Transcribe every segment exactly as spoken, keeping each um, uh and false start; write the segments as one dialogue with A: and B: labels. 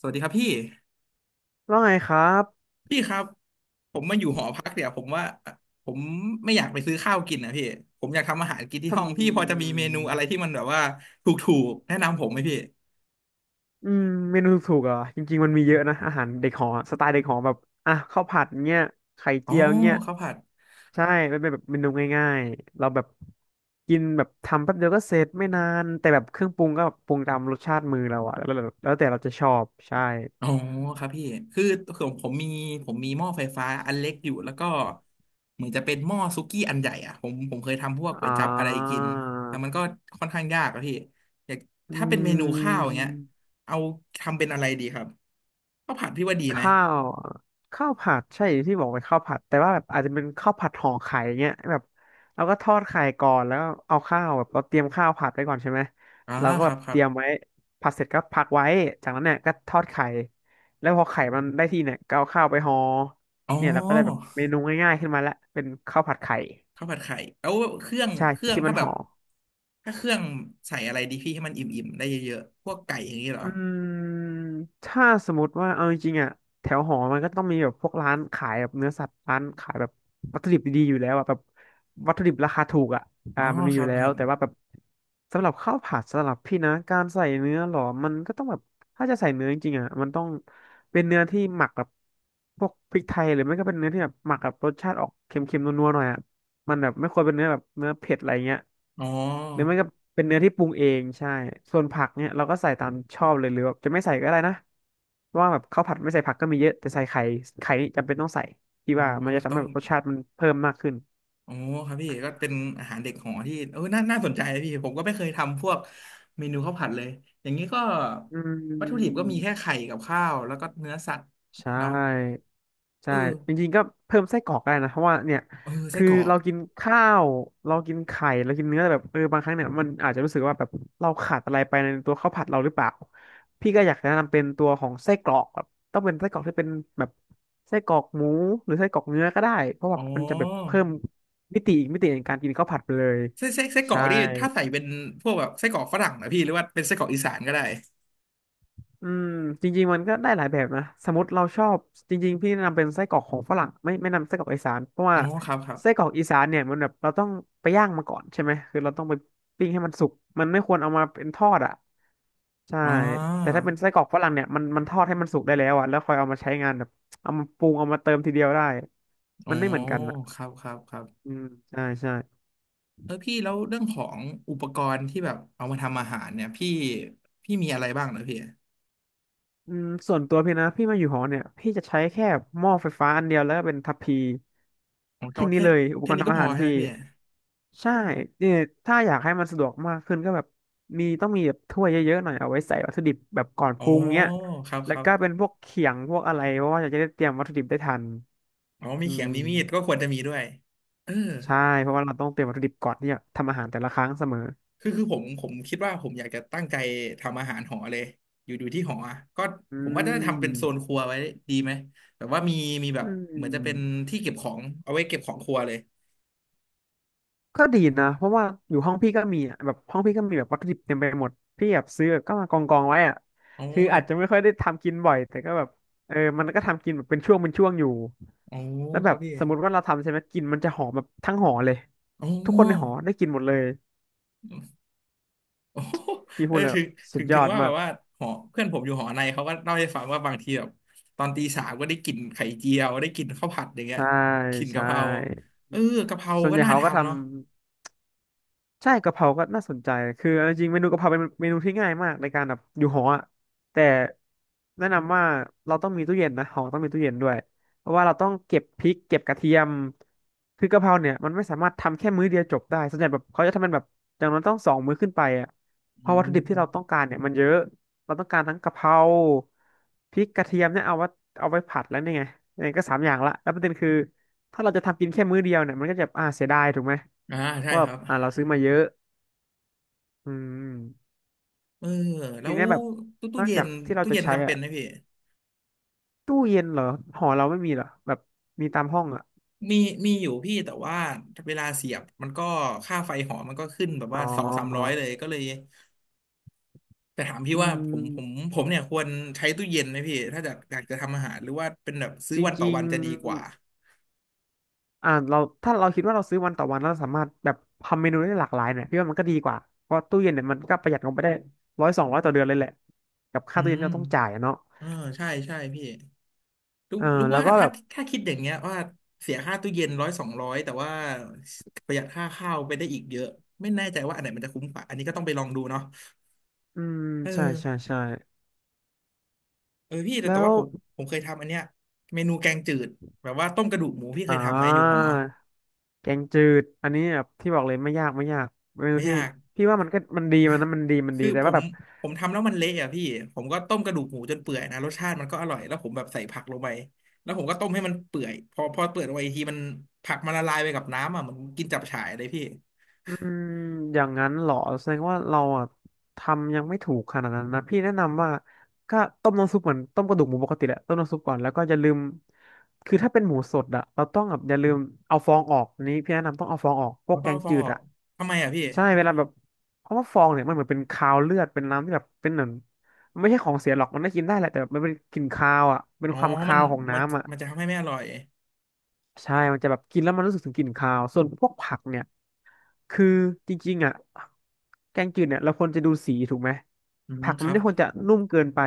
A: สวัสดีครับพี่
B: ว่าไงครับ
A: พี่ครับผมมาอยู่หอพักเนี่ยผมว่าผมไม่อยากไปซื้อข้าวกินนะพี่ผมอยากทำอาหารกินที่
B: ทำ
A: ห้องพี่พอจะมีเมนูอะไรที่มันแบบว่าถูกๆแนะนำผมไหมพี่
B: อืมเมนูถูกๆเหรอ่ะจริงๆมันมีเยอะนะอาหารเด็กหอสไตล์เด็กหอแบบอ่ะข้าวผัดเงี้ยไข่
A: อ๋อ
B: เจียวเงี้ย
A: ข้าวผัด
B: ใช่มันเป็นแบบเมนูง่ายๆเราแบบกินแบบทำแป๊บเดียวก็เสร็จไม่นานแต่แบบเครื่องปรุงก็ปรุงตามรสชาติมือเราอะแล้วแล้วแล้วแต่เราจะชอบใช่
A: อ๋อครับพี่คือผมผมมีผมมีหม้อไฟฟ้าอันเล็กอยู่แล้วก็เหมือนจะเป็นหม้อซุกี้อันใหญ่อ่ะผมผมเคยทำพวกก๋ว
B: อ่า
A: ยจั๊บอะไรกินแต่มันก็ค่อนข้างยากอะพี่อยาก
B: อ
A: ถ้าเป็นเมนู
B: ื
A: ข้าวอย่างเงี้ย
B: ม
A: เอาทำเป็นอะไรดีครับข้าวผัดพี่ว่าดีไหม
B: ข้าวข้าวผัดใช่ที่บอกเป็นข้าวผัดแต่ว่าแบบอาจจะเป็นข้าวผัดห่อไข่เงี้ยแบบเราก็ทอดไข่ก่อนแล้วเอาข้าวแบบเราเตรียมข้าวผัดไว้ก่อนใช่ไหม
A: อ่า
B: เราก็
A: ค
B: แบ
A: รั
B: บ
A: บค
B: เต
A: รับ
B: รียมไว้ผัดเสร็จก็พักไว้จากนั้นเนี่ยก็ทอดไข่แล้วพอไข่มันได้ที่เนี่ยก็เอาข้าวไปห่อ
A: อ๋
B: เนี่ยเราก็ได้แบบ
A: อ
B: เมนูง่ายๆขึ้นมาละเป็นข้าวผัดไข่
A: ข้าวผัดไข่เอาเครื่อง
B: ใช่
A: เครื่อง
B: ที่มั
A: ถ้า
B: น
A: แบบ
B: ห่อ
A: ถ้าเครื่องใส่อะไรดีพี่ให้มันอิ่มๆได้เยอะๆพวกไก่อย่างนี้เหรอ
B: อืมถ้าสมมติว่าเอาจริงๆอ่ะแถวหอมันก็ต้องมีแบบพวกร้านขายแบบเนื้อสัตว์ร้านขายแบบวัตถุดิบดีๆอยู่แล้วอ่ะแบบวัตถุดิบราคาถูกอ่ะ
A: อ๋
B: อ่า
A: อ
B: มันมี
A: ค
B: อ
A: รั
B: ยู่
A: บ
B: แล้
A: ค
B: ว
A: รับ
B: แต่ว่าแบบสำหรับข้าวผัดสำหรับพี่นะการใส่เนื้อหรอมันก็ต้องแบบถ้าจะใส่เนื้อจริงๆอ่ะมันต้องเป็นเนื้อที่หมักกับพวกพริกไทยหรือไม่ก็เป็นเนื้อที่แบบหมักกับรสชาติออกเค็มๆนัวๆหน่อยอ่ะ มันแบบไม่ควรเป็นเนื้อแบบเนื้อเผ็ดอะไรเงี้ย
A: อ๋อ
B: หรือไม่ก็เป็นเนื้อที่ปรุงเองใช่ส่วนผักเนี่ยเราก็ใส่ตามชอบเลยหรือแบบจะไม่ใส่ก็ได้นะเพราะว่าแบบข้าวผัดไม่ใส่ผักก็มีเยอะแต่ใส่ไข่ไข่นี่จำเป็นต้องใส่ที่
A: อ๋อ
B: ว่ามันจะทำ
A: ต้อ
B: ให้
A: ง
B: แบบรสชาติมันเพิ่มมากขึ้น
A: อ๋อครับพี่ก็เป็นอาหารเด็กหอที่เออน่าน่าสนใจนะพี่ผมก็ไม่เคยทำพวกเมนูข้าวผัดเลยอย่างนี้ก็
B: อื
A: วัตถุดิบก็มีแค่
B: ม
A: ไข่กับข้าวแล้วก็เนื้อสัตว์
B: ใช
A: เนาะ
B: ่
A: เอ
B: ใช่
A: อ
B: จริงๆก็เพิ่มไส้กรอกก็ได้นะเพราะว่าเนี่ย
A: เออไส้
B: คือ
A: กรอก
B: เรากินข้าวเรากินไข่เรากินเนื้อแต่แบบเออบางครั้งเนี่ยมันอาจจะรู้สึกว่าแบบเราขาดอะไรไปในตัวข้าวผัดเราหรือเปล่าพี่ก็อยากแนะนำเป็นตัวของไส้กรอกแบบต้องเป็นไส้กรอกที่เป็นแบบไส้กรอกหมูหรือไส้กรอกเนื้อก็ได้เพราะว่า
A: อ๋อ
B: มันจะแบบเพิ่มมิติอีกมิติในการกินข้าวผัดไปเลย
A: ไส้ไส้ไส้กรอ
B: ใช่
A: กนี่ถ้าใส่เป็นพวกแบบไส้กรอกฝรั่งนะพี่หรือว่าเป็นไส้กรอกอีสานก็ได้
B: อืมจริงๆมันก็ได้หลายแบบนะสมมติเราชอบจริงๆพี่แนะนำเป็นไส้กรอกของฝรั่งไม่ไม่นำไส้กรอกอีสานเพราะ
A: อ๋
B: ว่า
A: อครับครั
B: ไส้ก
A: บ
B: รอกอีสานเนี่ยมันแบบเราต้องไปย่างมาก่อนใช่ไหมคือเราต้องไปปิ้งให้มันสุกมันไม่ควรเอามาเป็นทอดอ่ะใช่
A: อ๋อ
B: แต่ถ้าเป็นไส้กรอกฝรั่งเนี่ยมันมันทอดให้มันสุกได้แล้วอ่ะแล้วค่อยเอามาใช้งานแบบเอามาปรุงเอามาเติมทีเดียวได้
A: อ๋อ
B: มันไม่เหมือนกันอ่ะ
A: ครับครับครับ
B: อืมใช่ใช่
A: เออพี่แล้วเรื่องของอุปกรณ์ที่แบบเอามาทำอาหารเนี่ยพี่พี่มีอะไรบ้างนะพี่
B: อืมส่วนตัวพี่นะพี่มาอยู่หอเนี่ยพี่จะใช้แค่หม้อไฟฟ้าอันเดียวแล้วก็เป็นทัพพี
A: ผมก็
B: แค่นี้
A: แค่
B: เลยอุป
A: แค่
B: กรณ์
A: นี้ก็
B: ทำอา
A: พอ
B: หาร
A: ใช่ไห
B: พี่
A: มพี่
B: ใช่เนี่ยถ้าอยากให้มันสะดวกมากขึ้นก็แบบมีต้องมีแบบถ้วยเยอะๆหน่อยเอาไว้ใส่วัตถุดิบแบบก่อน
A: อ๋
B: ป
A: อ
B: รุงเนี้ย
A: ครับค
B: แล้ว
A: รับ
B: ก็เป็นพวกเขียงพวกอะไรเพราะว่าอยากจะได้เตรียมวัตถุดิบได้ทัน
A: อ๋อมี
B: อื
A: เขียง
B: ม
A: มีมีดก็ควรจะมีด้วยเออ
B: ใช่เพราะว่าเราต้องเตรียมวัตถุดิบก่อนที่จะทำอาหารแต่ละครั้งเสมอ
A: คือคือผมผมคิดว่าผมอยากจะตั้งใจทำอาหารหอเลยอยู่อยู่ที่หออะก็
B: อื
A: ผมว่าจะทำเป็นโซน
B: ม
A: ครัวไว้ดีไหมแบบว่ามีมีแบ
B: อื
A: บเหมือนจะเป็น
B: ม
A: ที่เก็บของเอาไว้เก็บของครัวเลย
B: ก็ดีนะเพราะว่าอยู่ห้องพี่ก็มีอะแบบห้องพี่ก็มีแบบวัตถุดิบเต็มไปหมดพี่แบบซื้อแบบก็มากองกองไว้อะ
A: อ๋อ
B: คือ
A: อ
B: อา
A: ยา
B: จ
A: ก
B: จะไม่ค่อยได้ทำกินบ่อยแต่ก็แบบเออมันก็ทำกินแบบเป็นช่วงเป็นช่วงอยู่
A: อ๋อ
B: แล้ว
A: ค
B: แบ
A: รั
B: บ
A: บพี่
B: สมมติว่าเราทำใช่ไหมกลินมันจะหอมแบบทั้งหอเลย
A: อ๋อ
B: ทุกคนในหอได้ กินหมดเลย
A: โอ้โห
B: พี่
A: เอ
B: พู
A: อ
B: ดแล้ว
A: ถึง
B: สุ
A: ถึ
B: ด
A: ง
B: ย
A: ถึ
B: อ
A: ง
B: ด
A: ว่าแบ
B: มาก
A: บว่าหอเพื่อนผมอยู่หอในเขาก็เล่าให้ฟังว่าบางทีแบบตอนตีสามก็ได้กลิ่นไข่เจียวได้กลิ่นข้าวผัดอย่างเงี้ย
B: ใช่
A: กลิ่นกะ
B: ใช่
A: เพราเออกะเพรา
B: ส่วน
A: ก็
B: ใหญ่
A: น่า
B: เขาก็
A: ทำ
B: ทำ
A: เนาะ
B: ใช่กะเพราก็น่าสนใจ คือเอาจริงๆเมนูกะเพราเป็นเมนูที่ง่ายมากในการแบบอยู่หออะแต่แนะนำว่าเราต้องมีตู้เย็นนะหอต้องมีตู้เย็นด้วยเพราะว่าเราต้องเก็บพริกเก็บกระเทียมคือกะเพราเนี่ยมันไม่สามารถทำแค่มื้อเดียวจบได้ส่วนใหญ่แบบเขาจะทำเป็นแบบอย่างนั้นต้องสองมื้อขึ้นไปอ่ะเพ
A: อื
B: ราะวัตถุดิบ
A: ม
B: ที่เราต้องการเนี่ยมันเยอะเราต้องการทั้งกะเพราพริกกระเทียมเนี่ยเอาไว้เอาไว้ผัดแล้วเนี่ยไงยังไงก็สามอย่างละแล้วประเด็นคือ ถ้าเราจะทำกินแค่มื้อเดียวเนี่ยมันก็จะอ่าเสียดายถูกไหม
A: อ่า
B: เพราะ
A: ใช่
B: ว่า
A: ครับ
B: อ่าเราซื้อมาเยอะอืม
A: เออแล้
B: ที
A: ว
B: เนี้ยแบบ
A: ตู้ตู้
B: นอก
A: เย็
B: จา
A: น
B: กที่เรา
A: ตู้
B: จะ
A: เย็น
B: ใช้
A: จำเป็
B: อ่ะ
A: นไหมพี่
B: ตู้เย็นเหรอหอเราไม่มีเหรอแบบมีตามห้องอ่ะ
A: มีมีอยู่พี่แต่ว่าเวลาเสียบมันก็ค่าไฟหอมันก็ขึ้นแบบ
B: อ๋
A: ว่า
B: อ
A: สองสามร้อยเลยก็เลยแต่ถามพี่
B: อื
A: ว่าผมผม
B: ม
A: ผมเนี่ยควรใช้ตู้เย็นไหมพี่ถ้าจะอยากจะทำอาหารหรือว่าเป็นแบบซื้
B: จ
A: อวันต่อ
B: ริง
A: วันจะดีกว่า
B: ๆอ่าเราถ้าเราคิดว่าเราซื้อวันต่อวันแล้วเราสามารถแบบทำเมนูได้หลากหลายเนี่ยพี่ว่ามันก็ดีกว่าเพราะตู้เย็นเนี่ยมันก็ประหยัดลงไปได้ร้อยสองร้อยต่อเดือนเลยแหละกับ
A: อื
B: ค่าตู้เย็น
A: ม
B: ที่เราต้องจ่ายอะเนาะ
A: เออใช่ใช่พี่รู้
B: เออ
A: รู้
B: แล้ว
A: ว่า
B: ก็แบ
A: ถ้า
B: บ
A: ถ้าคิดอย่างเงี้ยว่าเสียค่าตู้เย็นร้อยสองร้อยแต่ว่าประหยัดค่าข้าวไปได้อีกเยอะไม่แน่ใจว่าอันไหนมันจะคุ้มกว่าอันนี้ก็ต้องไปลองดูเนาะ
B: อืม
A: เอ
B: ใช่ใช่
A: อ
B: ใช่
A: เออพี่แต่
B: แล้
A: แต่
B: ว
A: ว่าผมผมเคยทำอันเนี้ยเมนูแกงจืดแบบว่าต้มกระดูกหมูพี่เค
B: อ่า
A: ยทำไหมอยู่หอ
B: แกงจืดอันนี้แบบที่บอกเลยไม่ยากไม่ยากเมนู
A: ไม่
B: ที่
A: ยาก
B: พี่ว่ามันก็มันดีมันนะมันดีมันดี
A: คือ
B: แต่
A: ผ
B: ว่า
A: ม
B: แบบ
A: ผมทำแล้วมันเละอ่ะพี่ผมก็ต้มกระดูกหมูจนเปื่อยนะรสชาติมันก็อร่อยแล้วผมแบบใส่ผักลงไปแล้วผมก็ต้มให้มันเปื่อยพอพอเปื่อยลงไปอีกทีมันผักมันละลายไปกับน้ำอ่ะเหมันกินจับฉ่ายเลยพี่
B: อืมอย่างนั้นเหรอแสดงว่าเราอ่ะทำยังไม่ถูกขนาดนั้นนะพี่แนะนำว่าก็ต้มน้ำซุปเหมือนต้มกระดูกหมูปกติแหละต้มน้ำซุปก่อนแล้วก็อย่าลืมคือถ้าเป็นหมูสดอ่ะเราต้องแบบอย่าลืมเอาฟองออกอันนี้พี่แนะนำต้องเอาฟองออกพว
A: เขา
B: ก
A: ต้
B: แก
A: อง
B: ง
A: เอาฟอ
B: จื
A: งอ
B: ด
A: อก
B: อ่ะ
A: ทำไมอ่ะพี่
B: ใช่เวลาแบบเพราะว่าฟองเนี่ยมันเหมือนเป็นคาวเลือดเป็นน้ำที่แบบเป็นเหมือนมันไม่ใช่ของเสียหรอกมันได้กินได้แหละแต่แบบมันเป็นกลิ่นคาวอ่ะเป็น
A: อ๋อ
B: ความ
A: มั
B: คา
A: น
B: วของ
A: มัน
B: น้ำอ่ะ
A: มันจะทำให้ไม่อร่อย
B: ใช่มันจะแบบกินแล้วมันรู้สึกถึงกลิ่นคาวส่วนพวกผักเนี่ย คือจริงๆอ่ะแกงจืดเนี่ยเราควรจะดูสีถูกไหม
A: อืม
B: ผัก
A: ค
B: มัน
A: รับ
B: ไม่ควรจะนุ่มเกินไป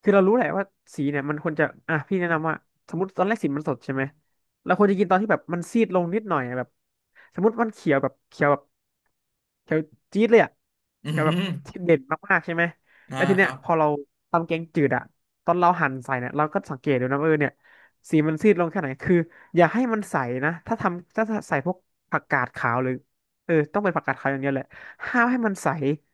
B: คือเรารู้แหละว่าสีเนี่ยมันควรจะอ่ะพี่แนะนำว่าสมมติตอนแรกสีมันสดใช่ไหมเราควรจะกินตอนที่แบบมันซีดลงนิดหน่อยอะแบบสมมติมันเขียวแบบเขียวแบบเขียวจี๊ดเลยอ่ะ
A: อื
B: เขียวแบบ
A: ม
B: เด่นมากๆใช่ไหม
A: อ่า
B: แล้วที
A: ค
B: เนี้
A: รั
B: ย
A: บ
B: พอเราทำแกงจืดอ่ะตอนเราหั่นใส่เนี่ยเราก็สังเกตดูนะว่าเออเนี่ยสีมันซีดลงแค่ไหนคืออย่าให้มันใสนะถ้าทำถ้าใส่พวกผักกาดขาวหรือ เออต้องเป็นผักกาดขาวอย่างเดียวแหละห้ามให้มันใส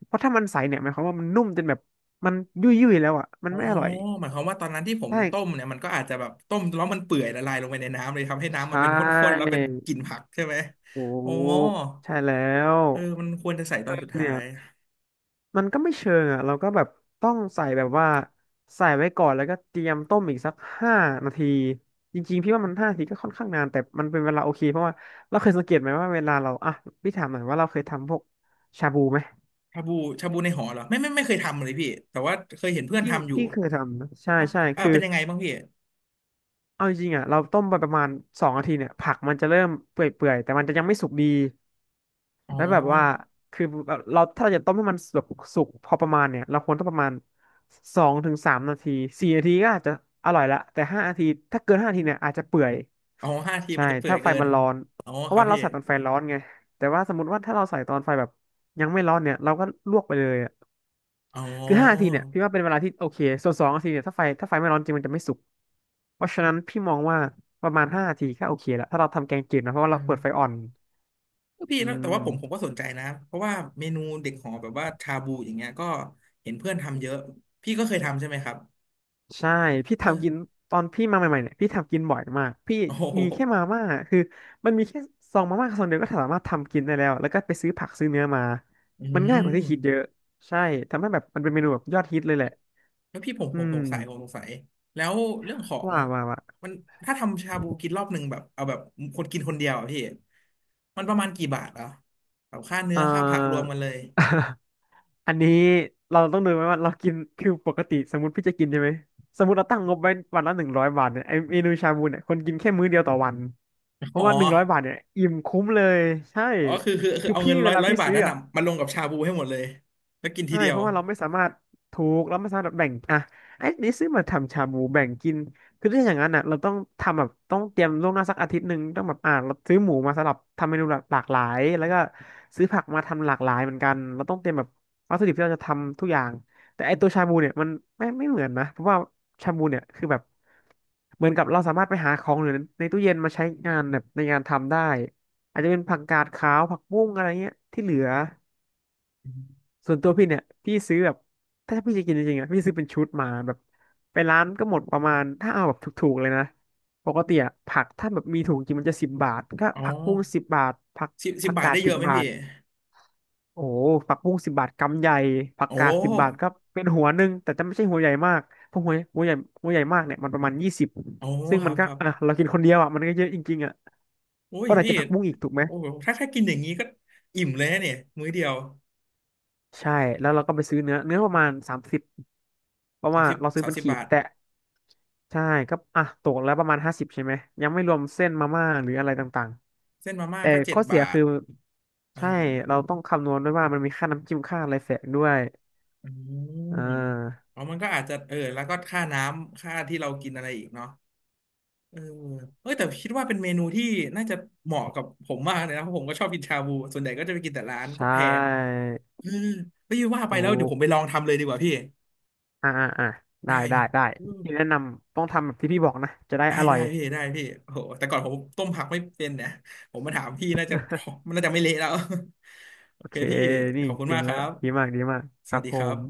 B: เพราะถ้ามันใสเนี่ยหมายความว่ามันนุ่มจนแบบมันยุ่ยยุ่ยแล้วอ่ะมัน
A: อ๋อ
B: ไม่อร่อย
A: หมายความว่าตอนนั้นที่ผม
B: ใช่
A: ต้มเนี่ยมันก็อาจจะแบบต้มแล้วมันเปื่อยละลายลงไปในน้ำเลยทำให้น้ำมั
B: ใช่
A: นเป็นข้นๆแล้วเป็นกลิ่นผักใช่ไหม
B: ถู
A: อ๋อ
B: กใช่แล้ว
A: เออมันควรจะใส่ต
B: เอ
A: อ
B: อ
A: นสุดท้า
B: เนี่ย
A: ย
B: มันก็ไม่เชิงอ่ะเราก็แบบต้องใส่แบบว่าใส่ไว้ก่อนแล้วก็เตรียมต้มอีกสักห้านาทีจริงๆพี่ว่ามันห้านาทีก็ค่อนข้างนานแต่มันเป็นเวลาโอเคเพราะว่าเราเคยสังเกตไหมว่าเวลาเราอ่ะพี่ถามหน่อยว่าเราเคยทำพวกชาบูไหม
A: ชาบูชาบูในหอเหรอไม่ไม่ไม่เคยทำเลยพี่แต่ว่าเคยเห็นเพื่อน
B: พี่
A: ทำอยู่
B: พี่เคยทำนะใช่
A: ครับ
B: ใช่
A: อ่า
B: คือ
A: เป็นยังไงบ้างพี่
B: เอาจริงๆอ่ะเราต้มไปประมาณสองนาทีเนี่ยผักมันจะเริ่มเปื่อยๆแต่มันจะยังไม่สุกดี
A: อ๋อ
B: แล้วแบบว่าคือแบบเราถ้าเราจะต้มให้มันแบบสุกพอประมาณเนี่ยเราควรต้องประมาณสองถึงสามนาทีสี่นาทีก็อาจจะอร่อยละแต่ห้านาทีถ้าเกินห้านาทีเนี่ยอาจจะเปื่อย
A: อ๋อห้าที
B: ใช่
A: มันจะเปื่อย
B: ถ้าไฟ
A: เกิน
B: มันร้อน
A: อ๋อ
B: เพ
A: ค
B: ราะ
A: รับ
B: ว่าเรา
A: พี่
B: ใส่ตอนไฟร้อนไงแต่ว่าสมมติว่าถ้าเราใส่ตอนไฟแบบยังไม่ร้อนเนี่ยเราก็ลวกไปเลยอะ
A: อ๋อ
B: คือห้านาทีเนี่ยพี่ว่าเป็นเวลาที่โอเคส่วนสองนาทีเนี่ยถ้าไฟถ้าไฟไม่ร้อนจริงมันจะไม่สุก เพราะฉะนั้นพี่มองว่าประมาณห้านาทีก็โอเคแล้วถ้าเราทำแกงจืดนะเพราะว่า
A: เอ
B: เราเปิดไฟ
A: อ
B: อ่อน
A: พี่
B: อื
A: แล้วแต่ว่าผมผม
B: ม
A: ก็สนใจนะเพราะว่าเมนูเด็กหอแบบว่าชาบูอย่างเงี้ยก็เห็นเพื่อนทำเยอะพี่ก็เคยทำใช่ไหมครับ
B: ใช่พี่
A: เออ
B: ทำกิ นตอนพี่มาใหม่ๆเนี่ยพี่ทำกินบ่อยมากพี่
A: โอ้โห
B: มีแค่มาม่าคือมันมีแค่ซองมาม่าซองเดียวก็สามารถทำกินได้แล้วแล้วก็ไปซื้อผักซื้อเนื้อมา
A: อื
B: มันง่ายกว่าที่คิดเย
A: ม
B: อะใช่ทำให้แบบมันเป็นเมนูแบบยอดฮิตเลยแหละ
A: แล้วพี่ผม
B: อื
A: ผมส
B: ม
A: งสัยผมสงสัยแล้วเรื่องของ
B: ว่าว่าว่า
A: มันถ้าทำชาบูกินรอบหนึ่งแบบเอาแบบคนกินคนเดียวอะพี่มันประมาณกี่บาทอ่ะแบบค่าเนื้
B: เอ่
A: อ
B: อ
A: ค่าผักรวมกันเลย
B: อันนี้เราต้องดูไหมว่าเรากินคือปกติสมมติพี่จะกินใช่ไหมสมมติเราตั้งงบไว้วันละหนึ่งร้อยบาทเนี่ยไอเมนูชาบูเนี่ยคนกินแค่มื้อเดียวต่อวันเพ
A: อ๋
B: ราะ
A: อ
B: ว่าหนึ่งร้อยบาทเนี่ยอิ่มคุ้มเลยใช่
A: อ๋อคือคือคือ
B: คือ
A: เอา
B: พี่
A: เงิน
B: เว
A: ร้อย
B: ลา
A: ร้อย
B: พี่
A: บาท
B: ซื้อ
A: นั้น
B: อะ
A: น่ะมาลงกับชาบูให้หมดเลยแล้วกินที
B: ใช่
A: เดีย
B: เพ
A: ว
B: ราะว่าเราไม่สามารถถูกเราไม่สามารถแบบแบ่งอ่ะไอ้นี่ซื้อมาทำชาบูแบ่งกินคือถ้าอย่างนั้นอ่ะเราต้องทำแบบต้องเตรียมล่วงหน้าสักอาทิตย์หนึ่งต้องแบบอ่าเราซื้อหมูมาสำหรับทำเมนูหลากหลายแล้วก็ซื้อผักมาทำหลากหลายเหมือนกันเราต้องเตรียมแบบวัตถุดิบที่เราจะทำทุกอย่างแต่ไอ้ตัวชาบูเนี่ยมันไม่ไม่เหมือนนะเพราะว่าชาบูเนี่ยคือแบบเหมือนกับเราสามารถไปหาของหรือในตู้เย็นมาใช้งานแบบในงานทำได้อาจจะเป็นผักกาดขาวผักบุ้งอะไรเงี้ยที่เหลือ ส่วนตัวพี่เนี่ยพี่ซื้อแบบถ้าพี่จะกินจริงๆอ่ะพี่ซื้อเป็นชุดมาแบบไปร้านก็หมดประมาณถ้าเอาแบบถูกๆเลยนะปกติอ่ะผักถ้าแบบมีถุงจริงมันจะสิบบาทก็
A: อ๋อ
B: ผักบุ้งสิบบาทผัก
A: สิบสิ
B: ผั
A: บ
B: ก
A: บาท
B: กาด
A: ได้เย
B: สิบ
A: อะไหม
B: บา
A: พี่
B: ทโอ้โหผักบุ้งสิบบาทกำใหญ่ผัก
A: โอ้
B: กาดสิบบาทก็เป็นหัวหนึ่งแต่จะไม่ใช่หัวใหญ่มากเพราะหัวหัวใหญ่หัวใหญ่มากเนี่ยมันประมาณยี่สิบ
A: โอ้
B: ซึ่ง
A: ค
B: มั
A: รั
B: น
A: บ
B: ก็
A: ครับ
B: อ่ะเรากินคนเดียวอ่ะมันก็เยอะจริงๆอ่ะ
A: โอ้ย
B: ก็อาจ
A: พี่
B: จะผักบุ้งอีกถูกไหม
A: โอ้โหถ้าถ้ากินอย่างนี้ก็อิ่มเลยนะเนี่ยมื้อเดียว
B: ใช่แล้วเราก็ไปซื้อเนื้อเนื้อประมาณสามสิบเพราะ
A: สาม
B: ว่า
A: สิบ
B: เราซื้อ
A: สาม
B: เป็น
A: สิบ
B: ขีด
A: บาท
B: แต่ใช่ก็อ่ะตกแล้วประมาณห้าสิบใช่ไหมยังไม่รวมเส้นมาม่าหรืออะไรต่าง
A: เส้นมา
B: ๆ
A: ม่า
B: แต่
A: ก็เจ็
B: ข้
A: ด
B: อเสีย
A: บาท
B: คือ
A: เออ
B: ใช่เราต้องคำนวณด้วยว่ามันมีค่าน้ำจิ้มค่าอะไรแฝงด้วย
A: อืม
B: อ่า
A: อ๋อมันก็อาจจะเออแล้วก็ค่าน้ำค่าที่เรากินอะไรอีกเนาะเออเออแต่คิดว่าเป็นเมนูที่น่าจะเหมาะกับผมมากเลยนะเพราะผมก็ชอบกินชาบูส่วนใหญ่ก็จะไปกินแต่ร้านก็
B: ใช่
A: แพงเออไม่ว่าไป
B: ถู
A: แล้วเดี๋ยว
B: ก
A: ผมไปลองทำเลยดีกว่าพี่
B: อ่าอ่าอ่าได้
A: ได้
B: ได้ได้
A: เออ
B: ที่แนะนำต้องทำแบบที่พี่บอกนะจะได้
A: ได้
B: อร่
A: ได้
B: อย
A: พี่ได้พี่โอ้โหแต่ก่อนผมต้มผักไม่เป็นเนี่ยผมมาถามพี่น่าจะ มันน่าจะไม่เละแล้ว โอ
B: โอ
A: เค
B: เค
A: พี่
B: นี่
A: ขอบคุณ
B: เอ
A: มา
B: ง
A: กค
B: แล้ว
A: รับ
B: ดีมากดีมาก
A: ส
B: ครั
A: วัส
B: บ
A: ดี
B: ผ
A: ครับ
B: ม